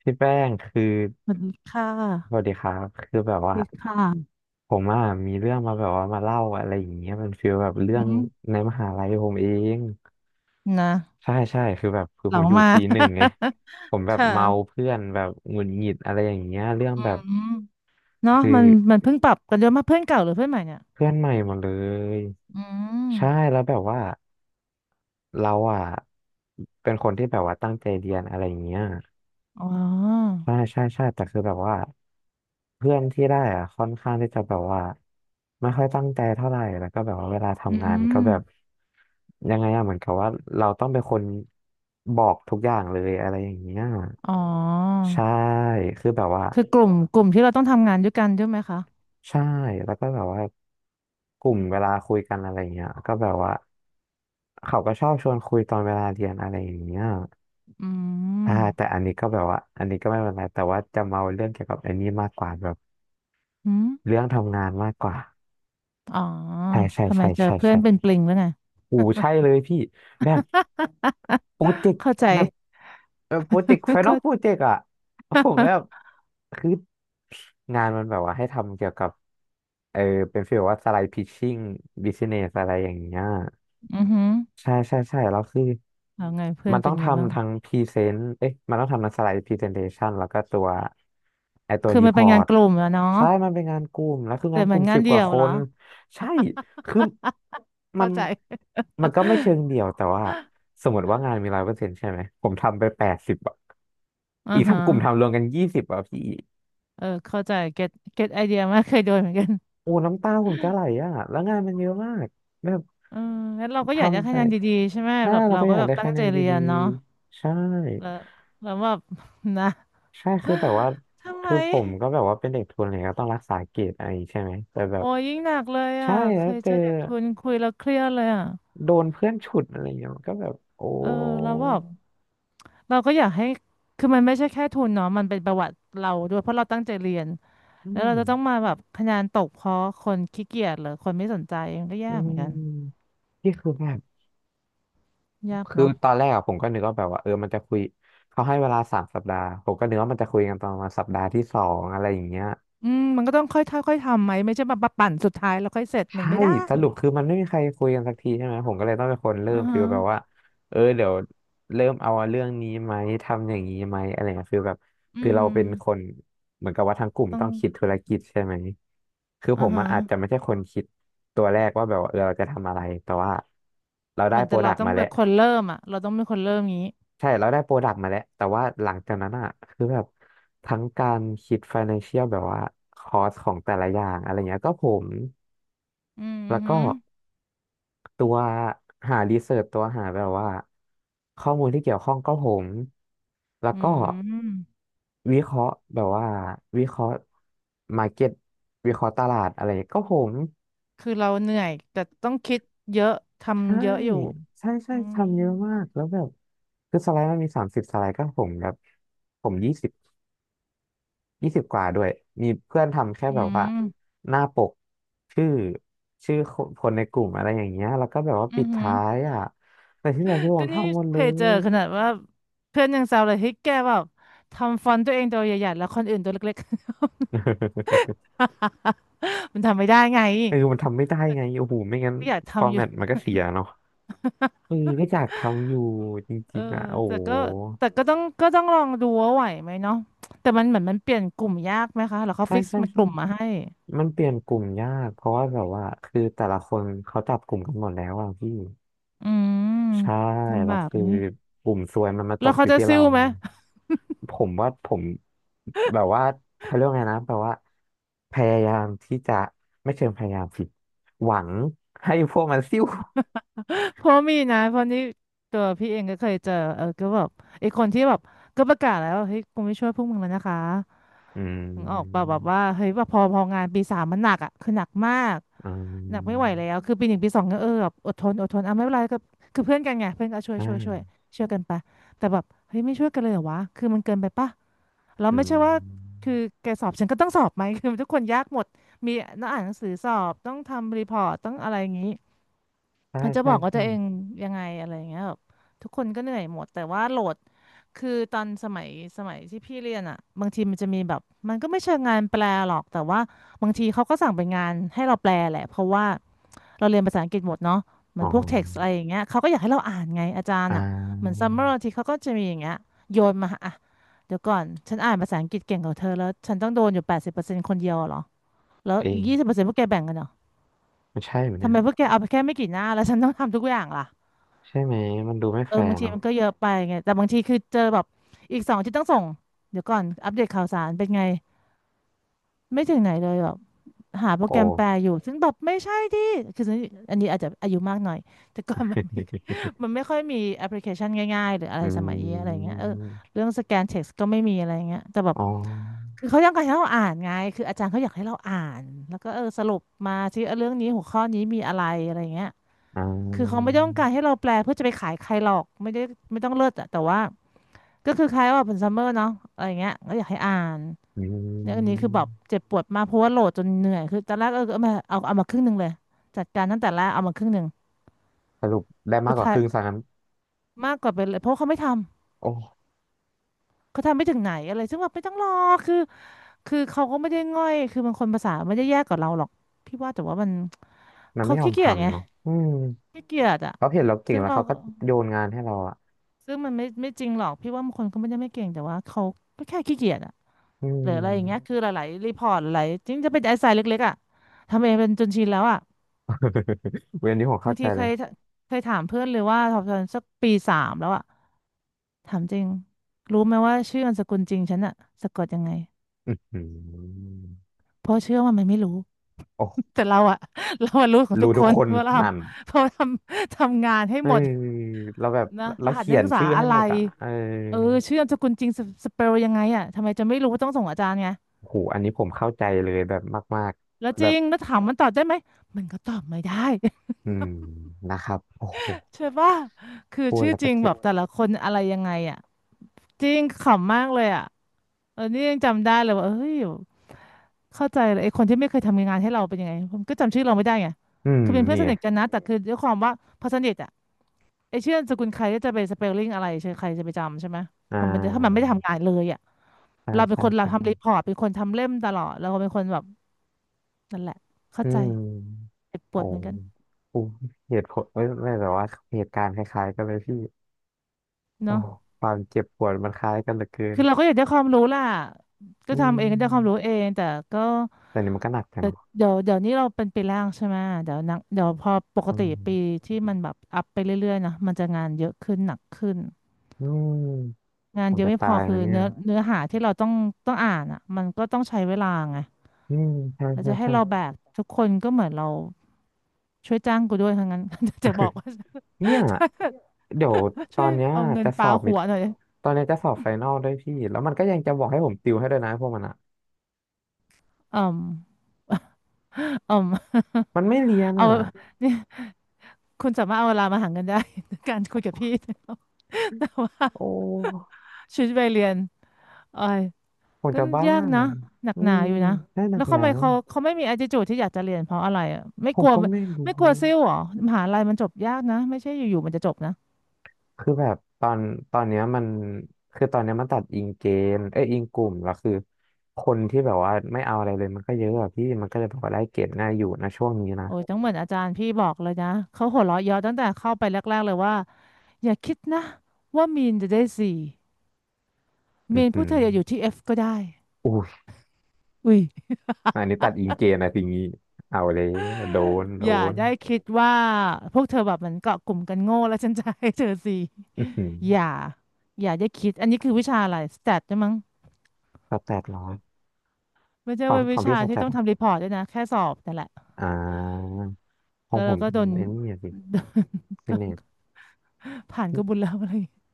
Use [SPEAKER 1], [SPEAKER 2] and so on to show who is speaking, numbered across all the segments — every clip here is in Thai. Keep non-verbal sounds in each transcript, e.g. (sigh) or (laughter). [SPEAKER 1] พี่แป้งคือ
[SPEAKER 2] สวัสดีค่ะ
[SPEAKER 1] สวัสดีครับคือแบบ
[SPEAKER 2] ส
[SPEAKER 1] ว่า
[SPEAKER 2] วัสดีค่ะ
[SPEAKER 1] ผมอ่ะมีเรื่องมาแบบว่ามาเล่าอะไรอย่างเงี้ยมันฟีลแบบเรื่อ
[SPEAKER 2] อื
[SPEAKER 1] ง
[SPEAKER 2] ม
[SPEAKER 1] ในมหาลัยผมเอง
[SPEAKER 2] นะ
[SPEAKER 1] ใช่ใช่คือแบบคือ
[SPEAKER 2] เห
[SPEAKER 1] ผ
[SPEAKER 2] ลา
[SPEAKER 1] มอยู่
[SPEAKER 2] มา
[SPEAKER 1] ปีหนึ่งไงผม
[SPEAKER 2] (laughs)
[SPEAKER 1] แบ
[SPEAKER 2] ค
[SPEAKER 1] บเมา
[SPEAKER 2] ่ะ
[SPEAKER 1] เพื่อนแบบหงุดหงิดอะไรอย่างเงี้ยเรื่อง
[SPEAKER 2] อื
[SPEAKER 1] แบบ
[SPEAKER 2] มเนาะ
[SPEAKER 1] คือ
[SPEAKER 2] มันเพิ่งปรับกันด้วยมาเพื่อนเก่าหรือเพื่อนใหม่เนี่ย
[SPEAKER 1] เพื่อนใหม่หมดเลย
[SPEAKER 2] อืม
[SPEAKER 1] ใช่แล้วแบบว่าเราอ่ะเป็นคนที่แบบว่าตั้งใจเรียนอะไรอย่างเงี้ย
[SPEAKER 2] อ๋อ
[SPEAKER 1] ใช่ใช่ใช่แต่คือแบบว่าเพื่อนที่ได้อะค่อนข้างที่จะแบบว่าไม่ค่อยตั้งใจเท่าไหร่แล้วก็แบบว่าเวลา
[SPEAKER 2] อื
[SPEAKER 1] ทำงานก็
[SPEAKER 2] ม
[SPEAKER 1] แบบยังไงอะเหมือนกับว่าเราต้องเป็นคนบอกทุกอย่างเลยอะไรอย่างเงี้ย
[SPEAKER 2] อ๋อ
[SPEAKER 1] ใช่คือแบบว่า
[SPEAKER 2] คือกลุ่มกลุ่มที่เราต้องทำงานด้วยกันด้วยไหมคะ
[SPEAKER 1] ใช่แล้วก็แบบว่ากลุ่มเวลาคุยกันอะไรเงี้ยก็แบบว่าเขาก็ชอบชวนคุยตอนเวลาเรียนอะไรอย่างเงี้ย
[SPEAKER 2] อื
[SPEAKER 1] ใช่
[SPEAKER 2] ม
[SPEAKER 1] แต่อันนี้ก็แบบว่าอันนี้ก็ไม่เป็นไรแต่ว่าจะเมาเรื่องเกี่ยวกับอันนี้มากกว่าแบบ
[SPEAKER 2] อืม
[SPEAKER 1] เรื่องทำงานมากกว่า
[SPEAKER 2] อ๋อ
[SPEAKER 1] ใช่ใช่
[SPEAKER 2] ทำไม
[SPEAKER 1] ใช่
[SPEAKER 2] เจอ
[SPEAKER 1] ใช่
[SPEAKER 2] เพื่อนเป็น
[SPEAKER 1] ใช่
[SPEAKER 2] ปลิงแล้วไง (laughs)
[SPEAKER 1] โอ้ใช่เลยพี่แบบโปรเจกต์
[SPEAKER 2] เข้าใจ
[SPEAKER 1] แบบแบบโปรเจกต์ไฟ
[SPEAKER 2] (laughs)
[SPEAKER 1] นอล
[SPEAKER 2] เข้า
[SPEAKER 1] โปรเจกต์อ่ะผมแบบคืองานมันแบบว่าให้ทำเกี่ยวกับเออเป็นฟีลว่าสไลด์พิชชิ่งบิสเนสอะไรอย่างเงี้ย
[SPEAKER 2] อือหือ
[SPEAKER 1] ใช่ใช่ใช่แล้วคือ
[SPEAKER 2] เอาไงเพื่อ
[SPEAKER 1] มั
[SPEAKER 2] น
[SPEAKER 1] นต้
[SPEAKER 2] เป็
[SPEAKER 1] อง
[SPEAKER 2] นไงบ้าง
[SPEAKER 1] ทำทั้งพรีเซนต์เอ๊ะมันต้องทำทั้งสไลด์พรีเซนเทชันแล้วก็ตัวไอตัว
[SPEAKER 2] คือ
[SPEAKER 1] รี
[SPEAKER 2] มัน
[SPEAKER 1] พ
[SPEAKER 2] เป็
[SPEAKER 1] อ
[SPEAKER 2] น
[SPEAKER 1] ร์
[SPEAKER 2] งาน
[SPEAKER 1] ต
[SPEAKER 2] กลุ่มอะเนาะ
[SPEAKER 1] ใช่มันเป็นงานกลุ่มแล้วคือ
[SPEAKER 2] แต่
[SPEAKER 1] งาน
[SPEAKER 2] เห
[SPEAKER 1] ก
[SPEAKER 2] มือ
[SPEAKER 1] ลุ่
[SPEAKER 2] น
[SPEAKER 1] ม
[SPEAKER 2] งา
[SPEAKER 1] สิ
[SPEAKER 2] น
[SPEAKER 1] บก
[SPEAKER 2] เดี่ย
[SPEAKER 1] ว่า
[SPEAKER 2] ว
[SPEAKER 1] ค
[SPEAKER 2] เหรอ
[SPEAKER 1] นใช่คือมั
[SPEAKER 2] เข้า
[SPEAKER 1] น
[SPEAKER 2] ใจ
[SPEAKER 1] มันก็ไม่เชิงเดี่ยวแต่ว่าสมมติว่างานมี100%ใช่ไหมผมทำไป80อะ
[SPEAKER 2] อ่า
[SPEAKER 1] อีกทั้
[SPEAKER 2] ฮะ
[SPEAKER 1] งกลุ่มทำรวมกันยี่สิบอะพี่
[SPEAKER 2] เออเข้าใจเก็ตเก็ตไอเดียมากเคยโดนเหมือนกัน (laughs)
[SPEAKER 1] โอ้น้ำตาผมจะไหลอ่ะแล้วงานมันเยอะมากแบบ
[SPEAKER 2] เออแล้วเราก็อยากได้
[SPEAKER 1] ทำไป
[SPEAKER 2] คะแนนดีๆใช่ไหม
[SPEAKER 1] ถ้า
[SPEAKER 2] แบบ
[SPEAKER 1] เรา
[SPEAKER 2] เรา
[SPEAKER 1] ก็
[SPEAKER 2] ก็
[SPEAKER 1] อยาก
[SPEAKER 2] แบบ
[SPEAKER 1] ได้
[SPEAKER 2] ตั้ง
[SPEAKER 1] คะแน
[SPEAKER 2] ใจ
[SPEAKER 1] น
[SPEAKER 2] เรีย
[SPEAKER 1] ดี
[SPEAKER 2] นเนาะ
[SPEAKER 1] ๆใช่
[SPEAKER 2] แล้วแล้วแบบ (laughs) นะ
[SPEAKER 1] ใช่คือแบบว่า
[SPEAKER 2] ทำไม
[SPEAKER 1] คือผมก็แบบว่าเป็นเด็กทุนอะไรก็ต้องรักษาเกียรติอะไรอย่างงี้ใช่ไหมแต่แบ
[SPEAKER 2] โอ้
[SPEAKER 1] บ
[SPEAKER 2] ยยิ่งหนักเลย
[SPEAKER 1] ใช่
[SPEAKER 2] อ่ะเค
[SPEAKER 1] แล้ว
[SPEAKER 2] ย
[SPEAKER 1] เจ
[SPEAKER 2] เจ
[SPEAKER 1] อ
[SPEAKER 2] อเด็กทุนคุยแล้วเครียดเลยอ่ะ
[SPEAKER 1] โดนเพื่อนฉุดอะไรอย่างเงี้ยมันก็แบบโอ้
[SPEAKER 2] เออเราแล้วแบบเราก็อยากให้คือมันไม่ใช่แค่ทุนเนาะมันเป็นประวัติเราด้วยเพราะเราตั้งใจเรียน
[SPEAKER 1] อื
[SPEAKER 2] แล้วเรา
[SPEAKER 1] ม
[SPEAKER 2] จะต้องมาแบบคะแนนตกเพราะคนขี้เกียจหรือคนไม่สนใจมันก็แย่
[SPEAKER 1] อื
[SPEAKER 2] เหมือนกัน
[SPEAKER 1] มนี่คือแบบ
[SPEAKER 2] ยาก
[SPEAKER 1] คือ
[SPEAKER 2] เนาะ
[SPEAKER 1] ตอนแรกอะผมก็นึกว่าแบบว่าเออมันจะคุยเขาให้เวลา3 สัปดาห์ผมก็นึกว่ามันจะคุยกันตอนประมาณสัปดาห์ที่สองอะไรอย่างเงี้ย
[SPEAKER 2] อืมมันก็ต้องค่อยๆค่อยๆทำไหมไม่ใช่แบบมาปั่นสุดท้ายแล้วค่อยเสร็จมัน
[SPEAKER 1] ใช่
[SPEAKER 2] ไม่ได้
[SPEAKER 1] สรุปคือมันไม่มีใครคุยกันสักทีใช่ไหมผมก็เลยต้องเป็นคนเริ่
[SPEAKER 2] อือ
[SPEAKER 1] มฟี
[SPEAKER 2] ฮะ
[SPEAKER 1] ลแบบว่าเออเดี๋ยวเริ่มเอาเรื่องนี้ไหมทำอย่างนี้ไหมอะไรเงี้ยฟีลแบบ
[SPEAKER 2] อื
[SPEAKER 1] คือเรา
[SPEAKER 2] ม
[SPEAKER 1] เป็นคนเหมือนกับว่าทั้งกลุ่ม
[SPEAKER 2] ต้อ
[SPEAKER 1] ต้
[SPEAKER 2] ง
[SPEAKER 1] องคิดธุรกิจใช่ไหมคือ
[SPEAKER 2] อื
[SPEAKER 1] ผ
[SPEAKER 2] อ
[SPEAKER 1] ม
[SPEAKER 2] ฮะ
[SPEAKER 1] อะอาจจะไม่ใช่คนคิดตัวแรกว่าแบบว่าเออเราจะทำอะไรแต่ว่าเรา
[SPEAKER 2] เห
[SPEAKER 1] ได้
[SPEAKER 2] มือน
[SPEAKER 1] โปร
[SPEAKER 2] แต่
[SPEAKER 1] ดั
[SPEAKER 2] เรา
[SPEAKER 1] กต์
[SPEAKER 2] ต้อง
[SPEAKER 1] มาแล้
[SPEAKER 2] เป็
[SPEAKER 1] ว
[SPEAKER 2] นคนเริ่มอ่ะเราต้องเป็นคนเริ่มงี้
[SPEAKER 1] ใช่เราได้โปรดักต์มาแล้วแต่ว่าหลังจากนั้นอะคือแบบทั้งการคิด financial แบบว่าคอสของแต่ละอย่างอะไรเงี้ยก็ผม
[SPEAKER 2] อืม
[SPEAKER 1] แล้ว
[SPEAKER 2] ฮึ
[SPEAKER 1] ก็ตัวหารีเสิร์ชตัวหาแบบว่าข้อมูลที่เกี่ยวข้องก็ผมแล้ว
[SPEAKER 2] อื
[SPEAKER 1] ก็
[SPEAKER 2] ม
[SPEAKER 1] วิเคราะห์แบบว่าวิเคราะห์มาร์เก็ตวิเคราะห์ตลาดอะไรก็ผม
[SPEAKER 2] คือเราเหนื่อยแต่ต้องคิดเยอะท
[SPEAKER 1] ใช่
[SPEAKER 2] ำเยอะอยู่
[SPEAKER 1] ใช่ใช่
[SPEAKER 2] อืม
[SPEAKER 1] ทำเยอะมากแล้วแบบคือสไลด์มันมี30สไลด์ก็ผมแบบผมยี่สิบ 20 กว่าด้วยมีเพื่อนทำแค่
[SPEAKER 2] อื
[SPEAKER 1] แบบว่า
[SPEAKER 2] ม
[SPEAKER 1] หน้าปกชื่อชื่อคนในกลุ่มอะไรอย่างเงี้ยแล้วก็แบบว่า
[SPEAKER 2] อื
[SPEAKER 1] ปิ
[SPEAKER 2] อ
[SPEAKER 1] ด
[SPEAKER 2] ฮึ
[SPEAKER 1] ท้ายอ่ะแต่ที่เหลือพี่ว
[SPEAKER 2] ก็
[SPEAKER 1] ง
[SPEAKER 2] นี่
[SPEAKER 1] ทำหมดเล
[SPEAKER 2] เคยเจอ
[SPEAKER 1] ย
[SPEAKER 2] ขนาดว่าเพื่อนยังแซวเลยเฮ้ยแกแบบทำฟอนต์ตัวเองตัวใหญ่ๆแล้วคนอื่นตัวเล็ก
[SPEAKER 1] (laughs)
[SPEAKER 2] ๆ (laughs) มันทำไม่ได้ไง
[SPEAKER 1] เออมันทำไม่ได้ไงโอ้โหไม่งั้น
[SPEAKER 2] ก็อยาก
[SPEAKER 1] ฟอ
[SPEAKER 2] ทำ
[SPEAKER 1] ร์
[SPEAKER 2] อ
[SPEAKER 1] แม
[SPEAKER 2] ยู่
[SPEAKER 1] ตมันก็เสียเนาะเออก็อยากทำอยู่จ
[SPEAKER 2] เออ
[SPEAKER 1] ริงๆอ่ะโอ้
[SPEAKER 2] แต่
[SPEAKER 1] โห
[SPEAKER 2] ก็แต่ก็ต้องก็ต้องลองดูว่าไหวไหมเนาะแต่มันเหมือนมันเปลี่ยนกลุ่มยากไหมคะหรือเขา
[SPEAKER 1] ใช่
[SPEAKER 2] ฟิกซ์
[SPEAKER 1] ใช่
[SPEAKER 2] มาก
[SPEAKER 1] ใช่
[SPEAKER 2] ลุ่มมาให้
[SPEAKER 1] มันเปลี่ยนกลุ่มยากเพราะว่าแบบว่าคือแต่ละคนเขาจับกลุ่มกันหมดแล้วอ่ะพี่
[SPEAKER 2] อืม
[SPEAKER 1] ใช่
[SPEAKER 2] ลำ
[SPEAKER 1] แล้ว
[SPEAKER 2] บาก
[SPEAKER 1] คื
[SPEAKER 2] อั
[SPEAKER 1] อ
[SPEAKER 2] นนี้
[SPEAKER 1] กลุ่มซวยมันมาต
[SPEAKER 2] แล้ว
[SPEAKER 1] กอ
[SPEAKER 2] เขา
[SPEAKER 1] ยู่
[SPEAKER 2] จะ
[SPEAKER 1] ที่
[SPEAKER 2] ซิ้
[SPEAKER 1] เรา
[SPEAKER 2] วไหม (laughs)
[SPEAKER 1] ผมว่าผมแบบว่าเขาเรียกว่าไงนะแบบว่าพยายามที่จะไม่เชิงพยายามผิดหวังให้พวกมันซิ่ว (laughs)
[SPEAKER 2] เพราะมีนะเพราะนี่ตัวพี่เองก็เคยเจอเออก็แบบไอ้คนที่แบบก็ประกาศแล้วว่าเฮ้ยกูไม่ช่วยพวกมึงแล้วนะคะ
[SPEAKER 1] อื
[SPEAKER 2] ถึงออกแบบ
[SPEAKER 1] ม
[SPEAKER 2] แบบว่าเฮ้ยแบบพองานปีสามมันหนักอ่ะคือหนักมาก
[SPEAKER 1] อื
[SPEAKER 2] หนักไม่ไหว
[SPEAKER 1] ม
[SPEAKER 2] แล้ว คือปีหนึ่งปีสองก็เออแบบอดทนอดทนอ่ะไม่เป็นไรก็คือเพื่อนกันไงเพื่อนก็ช่วยช่วยช่วย
[SPEAKER 1] อ่า
[SPEAKER 2] ช่วยกันไป แต่แบบเฮ้ยไม่ช่วยกันเลยเหรอวะ คือมันเกินไปปะเรา
[SPEAKER 1] อื
[SPEAKER 2] ไม่ใช่ว่า
[SPEAKER 1] ม
[SPEAKER 2] คือแกสอบฉันก็ต้องสอบไหม คือทุกคนยากหมด มีต้องอ่านหนังสือสอบ ต้องทำรีพอร์ตต้องอะไรอย่างนี้
[SPEAKER 1] ใช่
[SPEAKER 2] มันจะ
[SPEAKER 1] ใช่
[SPEAKER 2] บอกว่า
[SPEAKER 1] ใช่
[SPEAKER 2] ตัวเองยังไงอะไรอย่างเงี้ยแบบทุกคนก็เหนื่อยหมดแต่ว่าโหลดคือตอนสมัยที่พี่เรียนอ่ะบางทีมันจะมีแบบมันก็ไม่เชิงงานแปลหรอกแต่ว่าบางทีเขาก็สั่งเป็นงานให้เราแปลแหละเพราะว่าเราเรียนภาษาอังกฤษหมดเนาะเหมื
[SPEAKER 1] อ๋
[SPEAKER 2] อ
[SPEAKER 1] อ
[SPEAKER 2] นพวกเท็กซ์อะไรอย่างเงี้ยเขาก็อยากให้เราอ่านไงอาจาร
[SPEAKER 1] อ่
[SPEAKER 2] ย์อ่ะเหมือน
[SPEAKER 1] า
[SPEAKER 2] ซัมเมอร์ที่เขาก็จะมีอย่างเงี้ยโยนมาอ่ะเดี๋ยวก่อนฉันอ่านภาษาอังกฤษเก่งกว่าเธอแล้วฉันต้องโดนอยู่80%คนเดียวเหรอแล้วอี
[SPEAKER 1] เอ๊ะ
[SPEAKER 2] ก20%พวกแกแบ่งกันเหรอ
[SPEAKER 1] มันใช่ไหม
[SPEAKER 2] ทำ
[SPEAKER 1] เนี่ย
[SPEAKER 2] ไมพวกแกเอาไปแค่ไม่กี่หน้าแล้วฉันต้องทำทุกอย่างล่ะ
[SPEAKER 1] ใช่ไหมมันดูไม่
[SPEAKER 2] เอ
[SPEAKER 1] แฟ
[SPEAKER 2] อบา
[SPEAKER 1] ร์
[SPEAKER 2] งที
[SPEAKER 1] เนาะ
[SPEAKER 2] มันก็เยอะไปไงแต่บางทีคือเจอแบบอีกสองที่ต้องส่งเดี๋ยวก่อนอัปเดตข่าวสารเป็นไงไม่ถึงไหนเลยแบบหาโปร
[SPEAKER 1] โอ้
[SPEAKER 2] แกรมแปลอยู่ซึ่งแบบไม่ใช่ที่คืออันนี้อาจจะอายุมากหน่อยแต่ก่อนมันไม่
[SPEAKER 1] (laughs)
[SPEAKER 2] (laughs) มันไม่ค่อยมีแอปพลิเคชันง่ายๆหรืออะ
[SPEAKER 1] อื
[SPEAKER 2] ไรสมัยนี้อะไรเงี้ยเออ
[SPEAKER 1] ม
[SPEAKER 2] เรื่องสแกนเท็กซ์ก็ไม่มีอะไรเงี้ยแต่แบบ
[SPEAKER 1] อ๋อ
[SPEAKER 2] คือเขาต้องการให้เราอ่านไงคืออาจารย์เขาอยากให้เราอ่านแล้วก็เออสรุปมาที่เรื่องนี้หัวข้อนี้มีอะไรอะไรเงี้ย
[SPEAKER 1] อ่
[SPEAKER 2] คือเขาไม่
[SPEAKER 1] า
[SPEAKER 2] ต้องการให้เราแปลเพื่อจะไปขายใครหรอกไม่ได้ไม่ต้องเลิศอะแต่ว่าก็คือคล้ายว่าผป็ซัมเมอร์เนาะอะไรเงี้ยก็อยากให้อ่าน
[SPEAKER 1] อื
[SPEAKER 2] เนี่ยอันนี้คือ
[SPEAKER 1] ม
[SPEAKER 2] แบบเจ็บปวดมากเพราะว่าโหลดจนเหนื่อยคือตอนแรกเออเอามาครึ่งหนึ่งเลยจัดการตั้งแต่แรกเอามาครึ่งหนึ่ง
[SPEAKER 1] สรุปได้มา
[SPEAKER 2] สุ
[SPEAKER 1] ก
[SPEAKER 2] ด
[SPEAKER 1] กว่า
[SPEAKER 2] ท้า
[SPEAKER 1] ค
[SPEAKER 2] ย
[SPEAKER 1] รึ่งซะงั้น
[SPEAKER 2] มากกว่าไปเลยเพราะเขาไม่ท
[SPEAKER 1] โอ้
[SPEAKER 2] ำเขาทำไม่ถึงไหนอะไรซึ่งแบบไม่ต้องรอคือคือเขาก็ไม่ได้ง่อยคือบางคนภาษาไม่ได้แย่กว่าเราหรอกพี่ว่าแต่ว่ามัน
[SPEAKER 1] มัน
[SPEAKER 2] เขา
[SPEAKER 1] ไม่ยอ
[SPEAKER 2] ขี้
[SPEAKER 1] ม
[SPEAKER 2] เกียจไง
[SPEAKER 1] ทำเนาะอืม
[SPEAKER 2] ขี้เกียจอะ
[SPEAKER 1] เขาเห็นเราเก่ง
[SPEAKER 2] ซึ่ง
[SPEAKER 1] แล้ว
[SPEAKER 2] เรา
[SPEAKER 1] เขาก็
[SPEAKER 2] ก็
[SPEAKER 1] โยนงานให้เราอ่ะ
[SPEAKER 2] ซึ่งมันไม่จริงหรอกพี่ว่าบางคนก็ไม่ได้ไม่เก่งแต่ว่าเขาก็แค่ขี้เกียจอะ
[SPEAKER 1] อื
[SPEAKER 2] หรื
[SPEAKER 1] ม
[SPEAKER 2] ออะไรอย่างเงี้ยคือหลายๆรีพอร์ตหลายจริงจะเป็นไอ้สายเล็กๆอะทำเองเป็นจนชินแล้วอะ
[SPEAKER 1] (laughs) เวรนี้ผม
[SPEAKER 2] บา
[SPEAKER 1] เข้า
[SPEAKER 2] ง
[SPEAKER 1] ใจ
[SPEAKER 2] ที
[SPEAKER 1] เล
[SPEAKER 2] เค
[SPEAKER 1] ย
[SPEAKER 2] ยเคยถามเพื่อนเลยว่าทำตอนสักปีสามแล้วอะถามจริงรู้ไหมว่าชื่อนามสกุลจริงฉันอะสะกดยังไง
[SPEAKER 1] อือหือ
[SPEAKER 2] เพราะเชื่อว่ามันไม่รู้ (laughs)
[SPEAKER 1] โอ้
[SPEAKER 2] แต่เราอะเราอะรู้ของทุ
[SPEAKER 1] รู้
[SPEAKER 2] กค
[SPEAKER 1] ทุก
[SPEAKER 2] น
[SPEAKER 1] คน
[SPEAKER 2] ว่าเราท
[SPEAKER 1] นั่น
[SPEAKER 2] ำเพราะทำทำงานให้
[SPEAKER 1] เออ
[SPEAKER 2] หมด
[SPEAKER 1] เราแบบ
[SPEAKER 2] นะร
[SPEAKER 1] เรา
[SPEAKER 2] หัส
[SPEAKER 1] เขี
[SPEAKER 2] นัก
[SPEAKER 1] ยน
[SPEAKER 2] ศึกษา
[SPEAKER 1] ชื่อ
[SPEAKER 2] อะ
[SPEAKER 1] ให้
[SPEAKER 2] ไร
[SPEAKER 1] หมดอ่ะเออ
[SPEAKER 2] เออชื่อนามสกุลจริงสเปลยังไงอะทำไมจะไม่รู้ต้องส่งอาจารย์ไง
[SPEAKER 1] โหอันนี้ผมเข้าใจเลยแบบมาก
[SPEAKER 2] แล้ว
[SPEAKER 1] ๆ
[SPEAKER 2] จ
[SPEAKER 1] แบ
[SPEAKER 2] ริ
[SPEAKER 1] บ
[SPEAKER 2] งแล้วถามมันตอบได้ไหมมันก็ตอบไม่ได้
[SPEAKER 1] อืมนะครับโอ้โห
[SPEAKER 2] (laughs) ใช่ป่ะคือ
[SPEAKER 1] พูด
[SPEAKER 2] ชื่อ
[SPEAKER 1] แล้ว
[SPEAKER 2] จ
[SPEAKER 1] ก็
[SPEAKER 2] ริง
[SPEAKER 1] เจ็
[SPEAKER 2] แบ
[SPEAKER 1] บ
[SPEAKER 2] บแต่ละคนอะไรยังไงอ่ะจริงขำมากเลยอ่ะเออนี่ยังจำได้เลยว่าเอ้ยเข้าใจเลยไอ้คนที่ไม่เคยทำงานให้เราเป็นยังไงผมก็จำชื่อเราไม่ได้ไง
[SPEAKER 1] อืม
[SPEAKER 2] คือเป็นเพื่อ
[SPEAKER 1] นี่
[SPEAKER 2] นส
[SPEAKER 1] ไง
[SPEAKER 2] นิทกันนะแต่คือด้วยความว่าพอสนิทอ่ะไอ้ชื่อนามสกุลใครก็จะไปสเปลลิ่งอะไรใช่ใครจะไปจำใช่ไหม
[SPEAKER 1] อ่
[SPEAKER 2] เพราะมันจะถ้ามันไม่
[SPEAKER 1] า
[SPEAKER 2] ได้ทำงานเลยอ่ะ
[SPEAKER 1] ใช่
[SPEAKER 2] เราเป็น
[SPEAKER 1] ใช่
[SPEAKER 2] คนเรา
[SPEAKER 1] ใช่
[SPEAKER 2] ทำรีพอร์ตเป็นคนทำเล่มตลอดเราเป็นคนแบบนั่นแหละเข้า
[SPEAKER 1] อื
[SPEAKER 2] ใจ
[SPEAKER 1] ม
[SPEAKER 2] เจ็บปว
[SPEAKER 1] โอ้
[SPEAKER 2] ดเหมือนกัน
[SPEAKER 1] โหเหตุผลเอ้ยไม่แต่ว่าเหตุการณ์คล้ายๆกันเลยพี่ โอ้
[SPEAKER 2] เนาะ
[SPEAKER 1] ความเจ็บปวดมันคล้ายกันเหลือเกิน
[SPEAKER 2] คือเราก็อยากได้ความรู้ล่ะก็
[SPEAKER 1] อื
[SPEAKER 2] ทำเองก็ได้ความรู้
[SPEAKER 1] ม
[SPEAKER 2] เองแต่ก็
[SPEAKER 1] แต่นี่มันก็หนักกัน
[SPEAKER 2] แต่
[SPEAKER 1] เนาะ
[SPEAKER 2] เดี๋ยวนี้เราเป็นปีแรกใช่ไหมเดี๋ยวนักเดี๋ยวพอปก
[SPEAKER 1] อื
[SPEAKER 2] ติปี
[SPEAKER 1] ม
[SPEAKER 2] ที่มันแบบอัพไปเรื่อยๆนะมันจะงานเยอะขึ้นหนักขึ้น
[SPEAKER 1] อืม
[SPEAKER 2] งา
[SPEAKER 1] ผ
[SPEAKER 2] น
[SPEAKER 1] ม
[SPEAKER 2] เยอะ
[SPEAKER 1] จะ
[SPEAKER 2] ไม่พ
[SPEAKER 1] ตา
[SPEAKER 2] อ
[SPEAKER 1] ย
[SPEAKER 2] คือ
[SPEAKER 1] แล้วเนี่ย
[SPEAKER 2] เนื้อหาที่เราต้องอ่านอ่ะมันก็ต้องใช้เวลาไง
[SPEAKER 1] อืมใช่
[SPEAKER 2] เรา
[SPEAKER 1] ใช่
[SPEAKER 2] จะให้
[SPEAKER 1] ใช่
[SPEAKER 2] เราแบกทุกคนก็เหมือนเราช่วยจ้างกูด้วยทั้งนั้น (laughs) จะบอกว่า
[SPEAKER 1] เนี่ยเดี๋ยว
[SPEAKER 2] (laughs)
[SPEAKER 1] ต
[SPEAKER 2] ช่
[SPEAKER 1] อ
[SPEAKER 2] วย
[SPEAKER 1] นเนี้ย
[SPEAKER 2] เอาเงิน
[SPEAKER 1] จะส
[SPEAKER 2] ปา
[SPEAKER 1] อบมิ
[SPEAKER 2] หั
[SPEAKER 1] ด
[SPEAKER 2] วหน่อยเอือ
[SPEAKER 1] ตอนเนี้ยจะสอบไฟนอลด้วยพี่ แล้วมันก็ยังจะบอกให้ผมติวให้ด้วยนะพวกมันอ่ะ
[SPEAKER 2] อืม (laughs) เ
[SPEAKER 1] มันไม่เรียน
[SPEAKER 2] อา
[SPEAKER 1] อ่ะ
[SPEAKER 2] (laughs) นี่ คุณสามารถเอาเวลามาหาเงินได้ (laughs) ในการคุยกับพี่ (laughs) แต่ว่า
[SPEAKER 1] โอ้
[SPEAKER 2] ชีวิตวัยเรียนเอ้ย
[SPEAKER 1] ผม
[SPEAKER 2] ก็
[SPEAKER 1] จะบ้า
[SPEAKER 2] ยากนะหนัก
[SPEAKER 1] อื
[SPEAKER 2] หนา
[SPEAKER 1] ม
[SPEAKER 2] อยู่นะ
[SPEAKER 1] ได้หนั
[SPEAKER 2] แล้
[SPEAKER 1] ก
[SPEAKER 2] ว
[SPEAKER 1] ห
[SPEAKER 2] ทำ
[SPEAKER 1] นา
[SPEAKER 2] ไม
[SPEAKER 1] ม
[SPEAKER 2] เขาไม่มี attitude ที่อยากจะเรียนเพราะอะไรอ่ะไม่
[SPEAKER 1] ผ
[SPEAKER 2] ก
[SPEAKER 1] ม
[SPEAKER 2] ลัว
[SPEAKER 1] ก็ไม่รู้
[SPEAKER 2] ไม่กลัวซิ่วเหรอมหาลัยมันจบยากนะไม่ใช่อยู่ๆมันจะจบนะ
[SPEAKER 1] คือแบบตอนตอนเนี้ยมันคือตอนเนี้ยมันตัดอิงเกณฑ์เอ้ยอิงกลุ่มแล้วคือคนที่แบบว่าไม่เอาอะไรเลยมันก็เยอะอะพี่มันก็เลยแบบว่าได้เกรดง่ายอยู่นะช่วงนี้นะ
[SPEAKER 2] โอ้ยต้องเหมือนอาจารย์พี่บอกเลยนะเขาหัวเราะเยาะตั้งแต่เข้าไปแรกๆเลยว่าอย่าคิดนะว่ามีนจะได้สี่
[SPEAKER 1] อือ
[SPEAKER 2] มีนพ
[SPEAKER 1] หื
[SPEAKER 2] วก
[SPEAKER 1] อ
[SPEAKER 2] เธออย่าอยู่ที่ F ก็ได้
[SPEAKER 1] อู้ย
[SPEAKER 2] อุ้ย
[SPEAKER 1] อันนี้ตัดอิงเกณฑ์นะทีนี้เอาเลยโดนโด
[SPEAKER 2] อย่า
[SPEAKER 1] น
[SPEAKER 2] ได้คิดว่าพวกเธอแบบเหมือนเกาะกลุ่มกันโง่แล้วฉันจะให้เธอสี่
[SPEAKER 1] อือหือ
[SPEAKER 2] อย่าอย่าได้คิดอันนี้คือวิชาอะไรสแตทใช่มั้ง
[SPEAKER 1] สักแปดร้อย
[SPEAKER 2] ไม่ใช่
[SPEAKER 1] ของ
[SPEAKER 2] ว่า
[SPEAKER 1] ข
[SPEAKER 2] วิ
[SPEAKER 1] องพี่
[SPEAKER 2] ชา
[SPEAKER 1] สักแป
[SPEAKER 2] ที่
[SPEAKER 1] ด
[SPEAKER 2] ต้อ
[SPEAKER 1] ร้
[SPEAKER 2] ง
[SPEAKER 1] อย
[SPEAKER 2] ทำรีพอร์ตด้วยนะแค่สอบแต่นแหละ
[SPEAKER 1] อ่าของ
[SPEAKER 2] ก็
[SPEAKER 1] ผ
[SPEAKER 2] เรา
[SPEAKER 1] ม
[SPEAKER 2] ก็โด
[SPEAKER 1] เป็น
[SPEAKER 2] น
[SPEAKER 1] ไอ้นี่อะสิ
[SPEAKER 2] (laughs) โดนก็
[SPEAKER 1] เนต
[SPEAKER 2] ผ่านก็บุญแล้วอะไรอย่างเงี้ย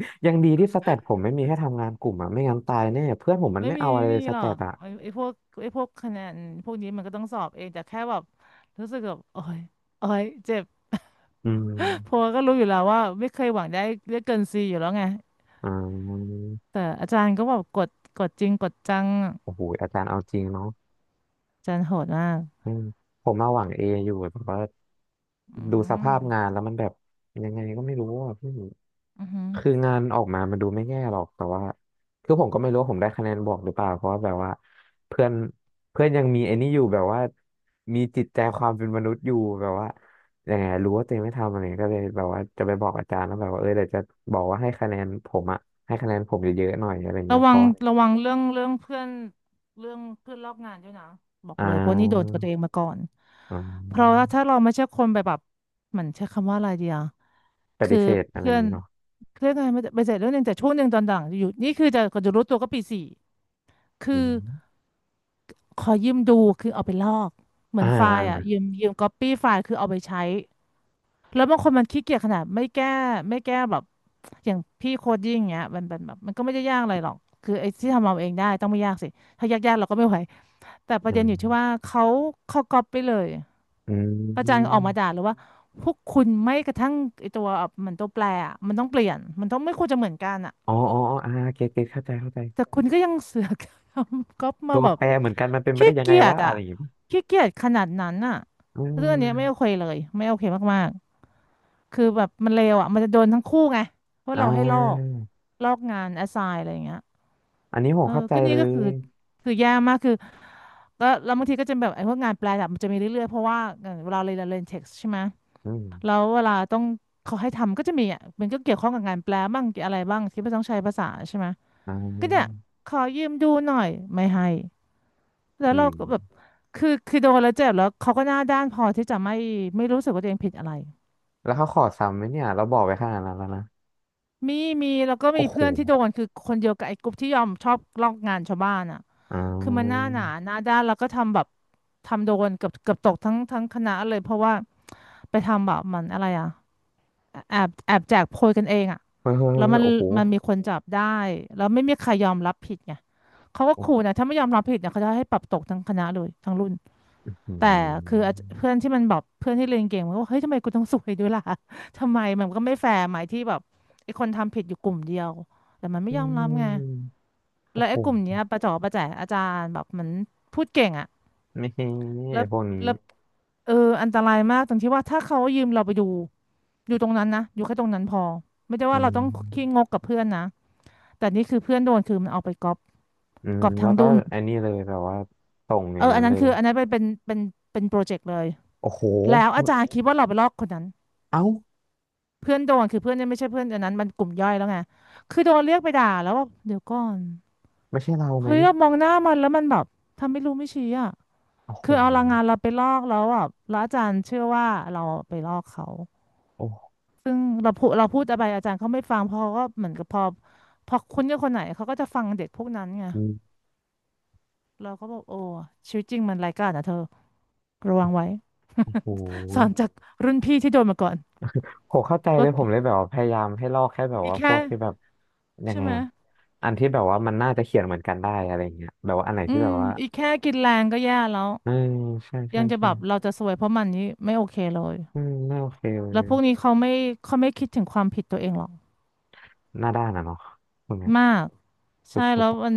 [SPEAKER 1] (laughs) ยังดีที่สแตทผมไม่มีให้ทำงานกลุ่มอะไม่งั้นตายแน่เพื่อนผมมัน
[SPEAKER 2] ไม่
[SPEAKER 1] ไม่
[SPEAKER 2] มี
[SPEAKER 1] เอาอะไร
[SPEAKER 2] ไม่
[SPEAKER 1] เล
[SPEAKER 2] มี
[SPEAKER 1] ยส
[SPEAKER 2] หร
[SPEAKER 1] แต
[SPEAKER 2] อ
[SPEAKER 1] ท
[SPEAKER 2] ก
[SPEAKER 1] อะ
[SPEAKER 2] ไอ้พวกไอ้พวกคะแนนพวกนี้มันก็ต้องสอบเองแต่แค่แบบรู้สึกแบบโอ้ยโอ้ยเจ็บ
[SPEAKER 1] อื
[SPEAKER 2] เพ
[SPEAKER 1] ม
[SPEAKER 2] ราะว่าก็รู้อยู่แล้วว่าไม่เคยหวังได้เลือกเกินซีอยู่แล้วไง
[SPEAKER 1] อ่า
[SPEAKER 2] แต่อาจารย์ก็บอกกดกดจริงกดจัง
[SPEAKER 1] โอ้โหอาจารย์เอาจริงเนาะ
[SPEAKER 2] อาจารย์โหดมาก
[SPEAKER 1] อืมผมมาหวังเออยู่แต่ว่า
[SPEAKER 2] อื
[SPEAKER 1] ดูส
[SPEAKER 2] ม
[SPEAKER 1] ภาพงานแล้วมันแบบยังไงก็ไม่รู้อ่ะพี่
[SPEAKER 2] อือหือ
[SPEAKER 1] คืองานออกมามันดูไม่แย่หรอกแต่ว่าคือผมก็ไม่รู้ว่าผมได้คะแนนบวกหรือเปล่าเพราะว่าแบบว่าเพื่อนเพื่อนยังมีไอ้นี่อยู่แบบว่ามีจิตใจความเป็นมนุษย์อยู่แบบว่ายังไงรู้ว่าตัวเองไม่ทำอะไรก็เลยแบบว่าจะไปบอกอาจารย์แล้วแบบว่าเออเดี๋ยวจะบอกว่าให้คะแนนผมอะให้คะแนนผมเยอะๆหน่อยอะไร
[SPEAKER 2] ระ
[SPEAKER 1] เงี้ยเพ
[SPEAKER 2] วัง
[SPEAKER 1] ราะว่า
[SPEAKER 2] ระวังเรื่องเพื่อนเรื่องเพื่อนรอบงานด้วยนะบอก
[SPEAKER 1] อ่
[SPEAKER 2] เลยเพราะนี่โดน
[SPEAKER 1] า
[SPEAKER 2] กับตัวเองมาก่อน
[SPEAKER 1] อื
[SPEAKER 2] เพราะว่าถ้า
[SPEAKER 1] ม
[SPEAKER 2] เราไม่ใช่คนไปแบบเหมือนใช้คำว่าอะไรเดียว
[SPEAKER 1] ป
[SPEAKER 2] คื
[SPEAKER 1] ฏิ
[SPEAKER 2] อ
[SPEAKER 1] เสธอะไรอ
[SPEAKER 2] เพื่อ
[SPEAKER 1] ย่าง
[SPEAKER 2] น
[SPEAKER 1] งี้เนาะ
[SPEAKER 2] เพื่อนอะไรไม่ไปเสร็จเรื่องหนึงแต่ช่วงหนึ่งตอนหลังอยู่นี่คือจะก็จะรู้ตัวก็ปีสี่
[SPEAKER 1] อื
[SPEAKER 2] คือ
[SPEAKER 1] ม
[SPEAKER 2] ขอยืมดูคือเอาไปลอกเหมือ
[SPEAKER 1] อ่า
[SPEAKER 2] นไฟล์อะยื
[SPEAKER 1] อ่า
[SPEAKER 2] มยืมก๊อปปี้ไฟล์คือเอาไปใช้ แล้วบางคนมันขี้เกียจขนาดไม่แก้ไม่แก้แบบอย่างพี่โคดยิ่งงเงี้ยมันเป็นแบบมันก็ไม่ได้ยากอะไรหรอกคือไอ้ที่ทำเอาเองได้ต้องไม่ยากสิถ้ายากๆเราก็ไม่ไหวแต่ประ
[SPEAKER 1] อื
[SPEAKER 2] เด็นอยู่ที่ว่า
[SPEAKER 1] ม
[SPEAKER 2] เขาก๊อปไปเลย
[SPEAKER 1] อ
[SPEAKER 2] อาจา
[SPEAKER 1] ื
[SPEAKER 2] รย์ออกมาด่าเลยว่าพวกคุณไม่กระทั่งไอ้ตัวเหมือนตัวแปรอะมันต้องเปลี่ยนมันต้องไม่ควรจะเหมือนกันอ่ะ
[SPEAKER 1] อ๋ออ๋ออ๋ออ่าเก็ตเข้าใจ
[SPEAKER 2] แต่คุณก็ยังเสือกทำก๊อปมา
[SPEAKER 1] ตัว
[SPEAKER 2] แบบ
[SPEAKER 1] แปรเหมือนกันมันเป็นไป
[SPEAKER 2] ขี้
[SPEAKER 1] ได้ยังไง
[SPEAKER 2] เกียจ
[SPEAKER 1] วะอะ
[SPEAKER 2] อ่ะ
[SPEAKER 1] ไรอย่างเงี้ย
[SPEAKER 2] ขี้เกียจขนาดนั้นอ่ะ
[SPEAKER 1] อื
[SPEAKER 2] เรื่องเนี้ยไม่โอ
[SPEAKER 1] ม
[SPEAKER 2] เคเลยไม่โอเคมาก คือแบบมันเลวอ่ะ มันจะโดนทั้งคู่ไงเพราะ
[SPEAKER 1] อ่
[SPEAKER 2] เราให้ลอก
[SPEAKER 1] า
[SPEAKER 2] งานแอสไซน์อะไรอย่างเงี้ย
[SPEAKER 1] อันนี้ผ
[SPEAKER 2] เอ
[SPEAKER 1] ม
[SPEAKER 2] อ
[SPEAKER 1] เข้าใจ
[SPEAKER 2] ก็นี่
[SPEAKER 1] เล
[SPEAKER 2] ก็คือ
[SPEAKER 1] ย
[SPEAKER 2] คือแย่มากคือก็แล้วบางทีก็จะแบบไอ้พวกงานแปลดับมันจะมีเรื่อยๆเพราะว่าเวลาเราเรียนเท็กซ์ใช่ไหม
[SPEAKER 1] อืม
[SPEAKER 2] แล้วเวลาต้องเขาให้ทำก็จะมีอ่ะมันก็เกี่ยวข้องกับงานแปลบ้างอะไรบ้างที่ไม่ต้องใช้ภาษาใช่ไหม
[SPEAKER 1] อ่
[SPEAKER 2] ก็เนี่ย
[SPEAKER 1] า
[SPEAKER 2] ขอยืมดูหน่อยไม่ให้แล้ว
[SPEAKER 1] อื
[SPEAKER 2] เราก็แบบ
[SPEAKER 1] ม
[SPEAKER 2] คือโดนแล้วเจ็บแล้วเขาก็หน้าด้านพอที่จะไม่ไม่รู้สึกว่าตัวเองผิดอะไร
[SPEAKER 1] แล้วเขาขอซ้ำไหมเนี่ยเราบอกไปขนาดนั้นแล้วนะ
[SPEAKER 2] มีแล้วก็มี
[SPEAKER 1] โอ้โห
[SPEAKER 2] เพื่อนที่โดนคือคนเดียวกับไอ้กลุ่มที่ยอมชอบลอกงานชาวบ้านอ่ะ
[SPEAKER 1] อ่
[SPEAKER 2] คือมันห
[SPEAKER 1] า
[SPEAKER 2] น้าหนาหน้าด้านแล้วก็ทำแบบทำโดนเกือบตกทั้งคณะเลยเพราะว่าไปทำแบบมันอะไรอ่ะแอบแจกโพยกันเองอ่ะ
[SPEAKER 1] เฮ้ยเฮ้ย
[SPEAKER 2] แล้
[SPEAKER 1] เฮ้
[SPEAKER 2] ว
[SPEAKER 1] ยโอ้โห
[SPEAKER 2] มันมีคนจับได้แล้วไม่มีใครยอมรับผิดไงเขาก็ขู่
[SPEAKER 1] โอ้
[SPEAKER 2] นะถ้าไม่ยอมรับผิดเนี่ยเขาจะให้ปรับตกทั้งคณะเลยทั้งรุ่น
[SPEAKER 1] อื
[SPEAKER 2] แต่คืออาจ
[SPEAKER 1] ม
[SPEAKER 2] เพื่อนที่มันแบบเพื่อนที่เรียนเก่งมันก็บอกเฮ้ยทำไมกูต้องสวยด้วยล่ะ (laughs) ทำไมมันก็ไม่แฟร์ไหมที่แบบไอ้คนทำผิดอยู่กลุ่มเดียวแต่มันไม่
[SPEAKER 1] อื
[SPEAKER 2] ยอมรับไง
[SPEAKER 1] มโอ้
[SPEAKER 2] แล้ว
[SPEAKER 1] โห
[SPEAKER 2] ไอ้กลุ่มเนี้ยประจ๋อประแจ๋อาจารย์แบบเหมือนพูดเก่งอะ
[SPEAKER 1] ไม่ใช่
[SPEAKER 2] แล้
[SPEAKER 1] ไอ้
[SPEAKER 2] ว
[SPEAKER 1] พวกนี้
[SPEAKER 2] แล้วเอออันตรายมากตรงที่ว่าถ้าเขายืมเราไปดูอยู่ตรงนั้นนะอยู่แค่ตรงนั้นพอไม่ได้
[SPEAKER 1] อื
[SPEAKER 2] ว่าเรา
[SPEAKER 1] ม
[SPEAKER 2] ต้องขี้งกกับเพื่อนนะแต่นี่คือเพื่อนโดนคือมันเอาไปก๊อป
[SPEAKER 1] อืมแล้
[SPEAKER 2] ทั้ง
[SPEAKER 1] วก็
[SPEAKER 2] ดุน
[SPEAKER 1] อันนี้เลยแบบว่าส่งอ
[SPEAKER 2] เอ
[SPEAKER 1] ย่าง
[SPEAKER 2] ออั
[SPEAKER 1] นั้
[SPEAKER 2] น
[SPEAKER 1] น
[SPEAKER 2] นั้
[SPEAKER 1] เล
[SPEAKER 2] น
[SPEAKER 1] ย
[SPEAKER 2] คืออันนั้นเป็นเป็นเป็นโปรเจกต์เลย
[SPEAKER 1] โอ้โห
[SPEAKER 2] แล้วอาจารย์คิดว่าเราไปลอกคนนั้น
[SPEAKER 1] เอ้า
[SPEAKER 2] เพื่อนโดนคือเพื่อนเนี่ยไม่ใช่เพื่อนอันนั้นมันกลุ่มย่อยแล้วไงคือโดนเรียกไปด่าแล้วว่าเดี๋ยวก่อน
[SPEAKER 1] ไม่ใช่เราไหม
[SPEAKER 2] เฮ้ยเรามองหน้ามันแล้วมันแบบทำไม่รู้ไม่ชี้อ่ะ
[SPEAKER 1] โอ้โห
[SPEAKER 2] คือเอาแรงงานเราไปลอกแล้วอ่ะแล้วอาจารย์เชื่อว่าเราไปลอกเขา
[SPEAKER 1] โอ้โห
[SPEAKER 2] ซึ่งเราพูดอะไรอาจารย์เขาไม่ฟังเพอก็เหมือนกับพอคุ้นกับคนไหนเขาก็จะฟังเด็กพวกนั้นไงเราก็บอกโอ้ชีวิตจริงมันไร้ายกาจนะเธอระวังไว้
[SPEAKER 1] โอ้โห
[SPEAKER 2] สอนจากรุ่นพี่ที่โดนมาก่อน
[SPEAKER 1] ผมเข้าใจเล
[SPEAKER 2] ว่า
[SPEAKER 1] ยผมเลยแบบว่าพยายามให้ลอกแค่แบบ
[SPEAKER 2] อี
[SPEAKER 1] ว่าพ
[SPEAKER 2] แค่
[SPEAKER 1] วกที่แบบยัง
[SPEAKER 2] ใช่
[SPEAKER 1] ไง
[SPEAKER 2] ไหม
[SPEAKER 1] อะอันที่แบบว่ามันน่าจะเขียนเหมือนกันได้อะไรเงี้ยแบบว่าอันไหน
[SPEAKER 2] อื
[SPEAKER 1] ที่แบ
[SPEAKER 2] ม
[SPEAKER 1] บว่า
[SPEAKER 2] อีแค่กินแรงก็แย่แล้ว
[SPEAKER 1] เออใช่
[SPEAKER 2] ยั
[SPEAKER 1] ใช่
[SPEAKER 2] งจะแบ
[SPEAKER 1] ใช่
[SPEAKER 2] บเราจะซวยเพราะมันนี่ไม่โอเคเลย
[SPEAKER 1] อืมไม่โอเคเล
[SPEAKER 2] แล้ว
[SPEAKER 1] ย
[SPEAKER 2] พวกนี้เขาไม่คิดถึงความผิดตัวเองหรอก
[SPEAKER 1] หน้าด้านอะเนาะตรงเนี้ย
[SPEAKER 2] มาก
[SPEAKER 1] ส
[SPEAKER 2] ใช่
[SPEAKER 1] ุ
[SPEAKER 2] แล้
[SPEAKER 1] ด
[SPEAKER 2] ว
[SPEAKER 1] ๆอะ
[SPEAKER 2] มัน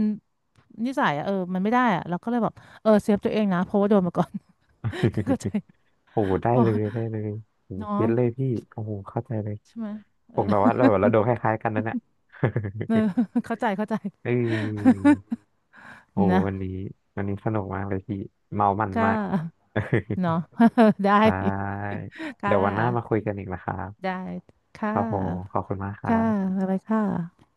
[SPEAKER 2] นิสัยอะเออมันไม่ได้อะเราก็เลยแบบเออเซฟตัวเองนะเพราะว่าโดนมาก่อน (laughs) เข้าใจ
[SPEAKER 1] (laughs) โอ้โหได้
[SPEAKER 2] เพ
[SPEAKER 1] เลย
[SPEAKER 2] อ
[SPEAKER 1] ได้เลยโอ้โหเก็
[SPEAKER 2] เนาะ
[SPEAKER 1] ตเลยพี่โอ้โหเข้าใจเลย
[SPEAKER 2] ใช่ไหมเอ
[SPEAKER 1] ผ
[SPEAKER 2] อ
[SPEAKER 1] มแบบว่าเรา
[SPEAKER 2] (laughs)
[SPEAKER 1] โดนคล้ายๆกันนะเนี่ย (laughs)
[SPEAKER 2] เออเข้าใจเข้าใจ
[SPEAKER 1] เออ โอ้
[SPEAKER 2] (laughs) นะ
[SPEAKER 1] วันนี้วันนี้สนุกมากเลยพี่เมามัน
[SPEAKER 2] ก็
[SPEAKER 1] มาก (laughs)
[SPEAKER 2] เนาะ (laughs) ได้
[SPEAKER 1] ได้
[SPEAKER 2] ค่
[SPEAKER 1] เดี๋ยววันหน้ามาคุย
[SPEAKER 2] ะ
[SPEAKER 1] กันอีกนะครับ
[SPEAKER 2] ได้
[SPEAKER 1] ค
[SPEAKER 2] ค่ะ
[SPEAKER 1] รับผมขอบคุณมากครับ
[SPEAKER 2] บ๊ายค่ะ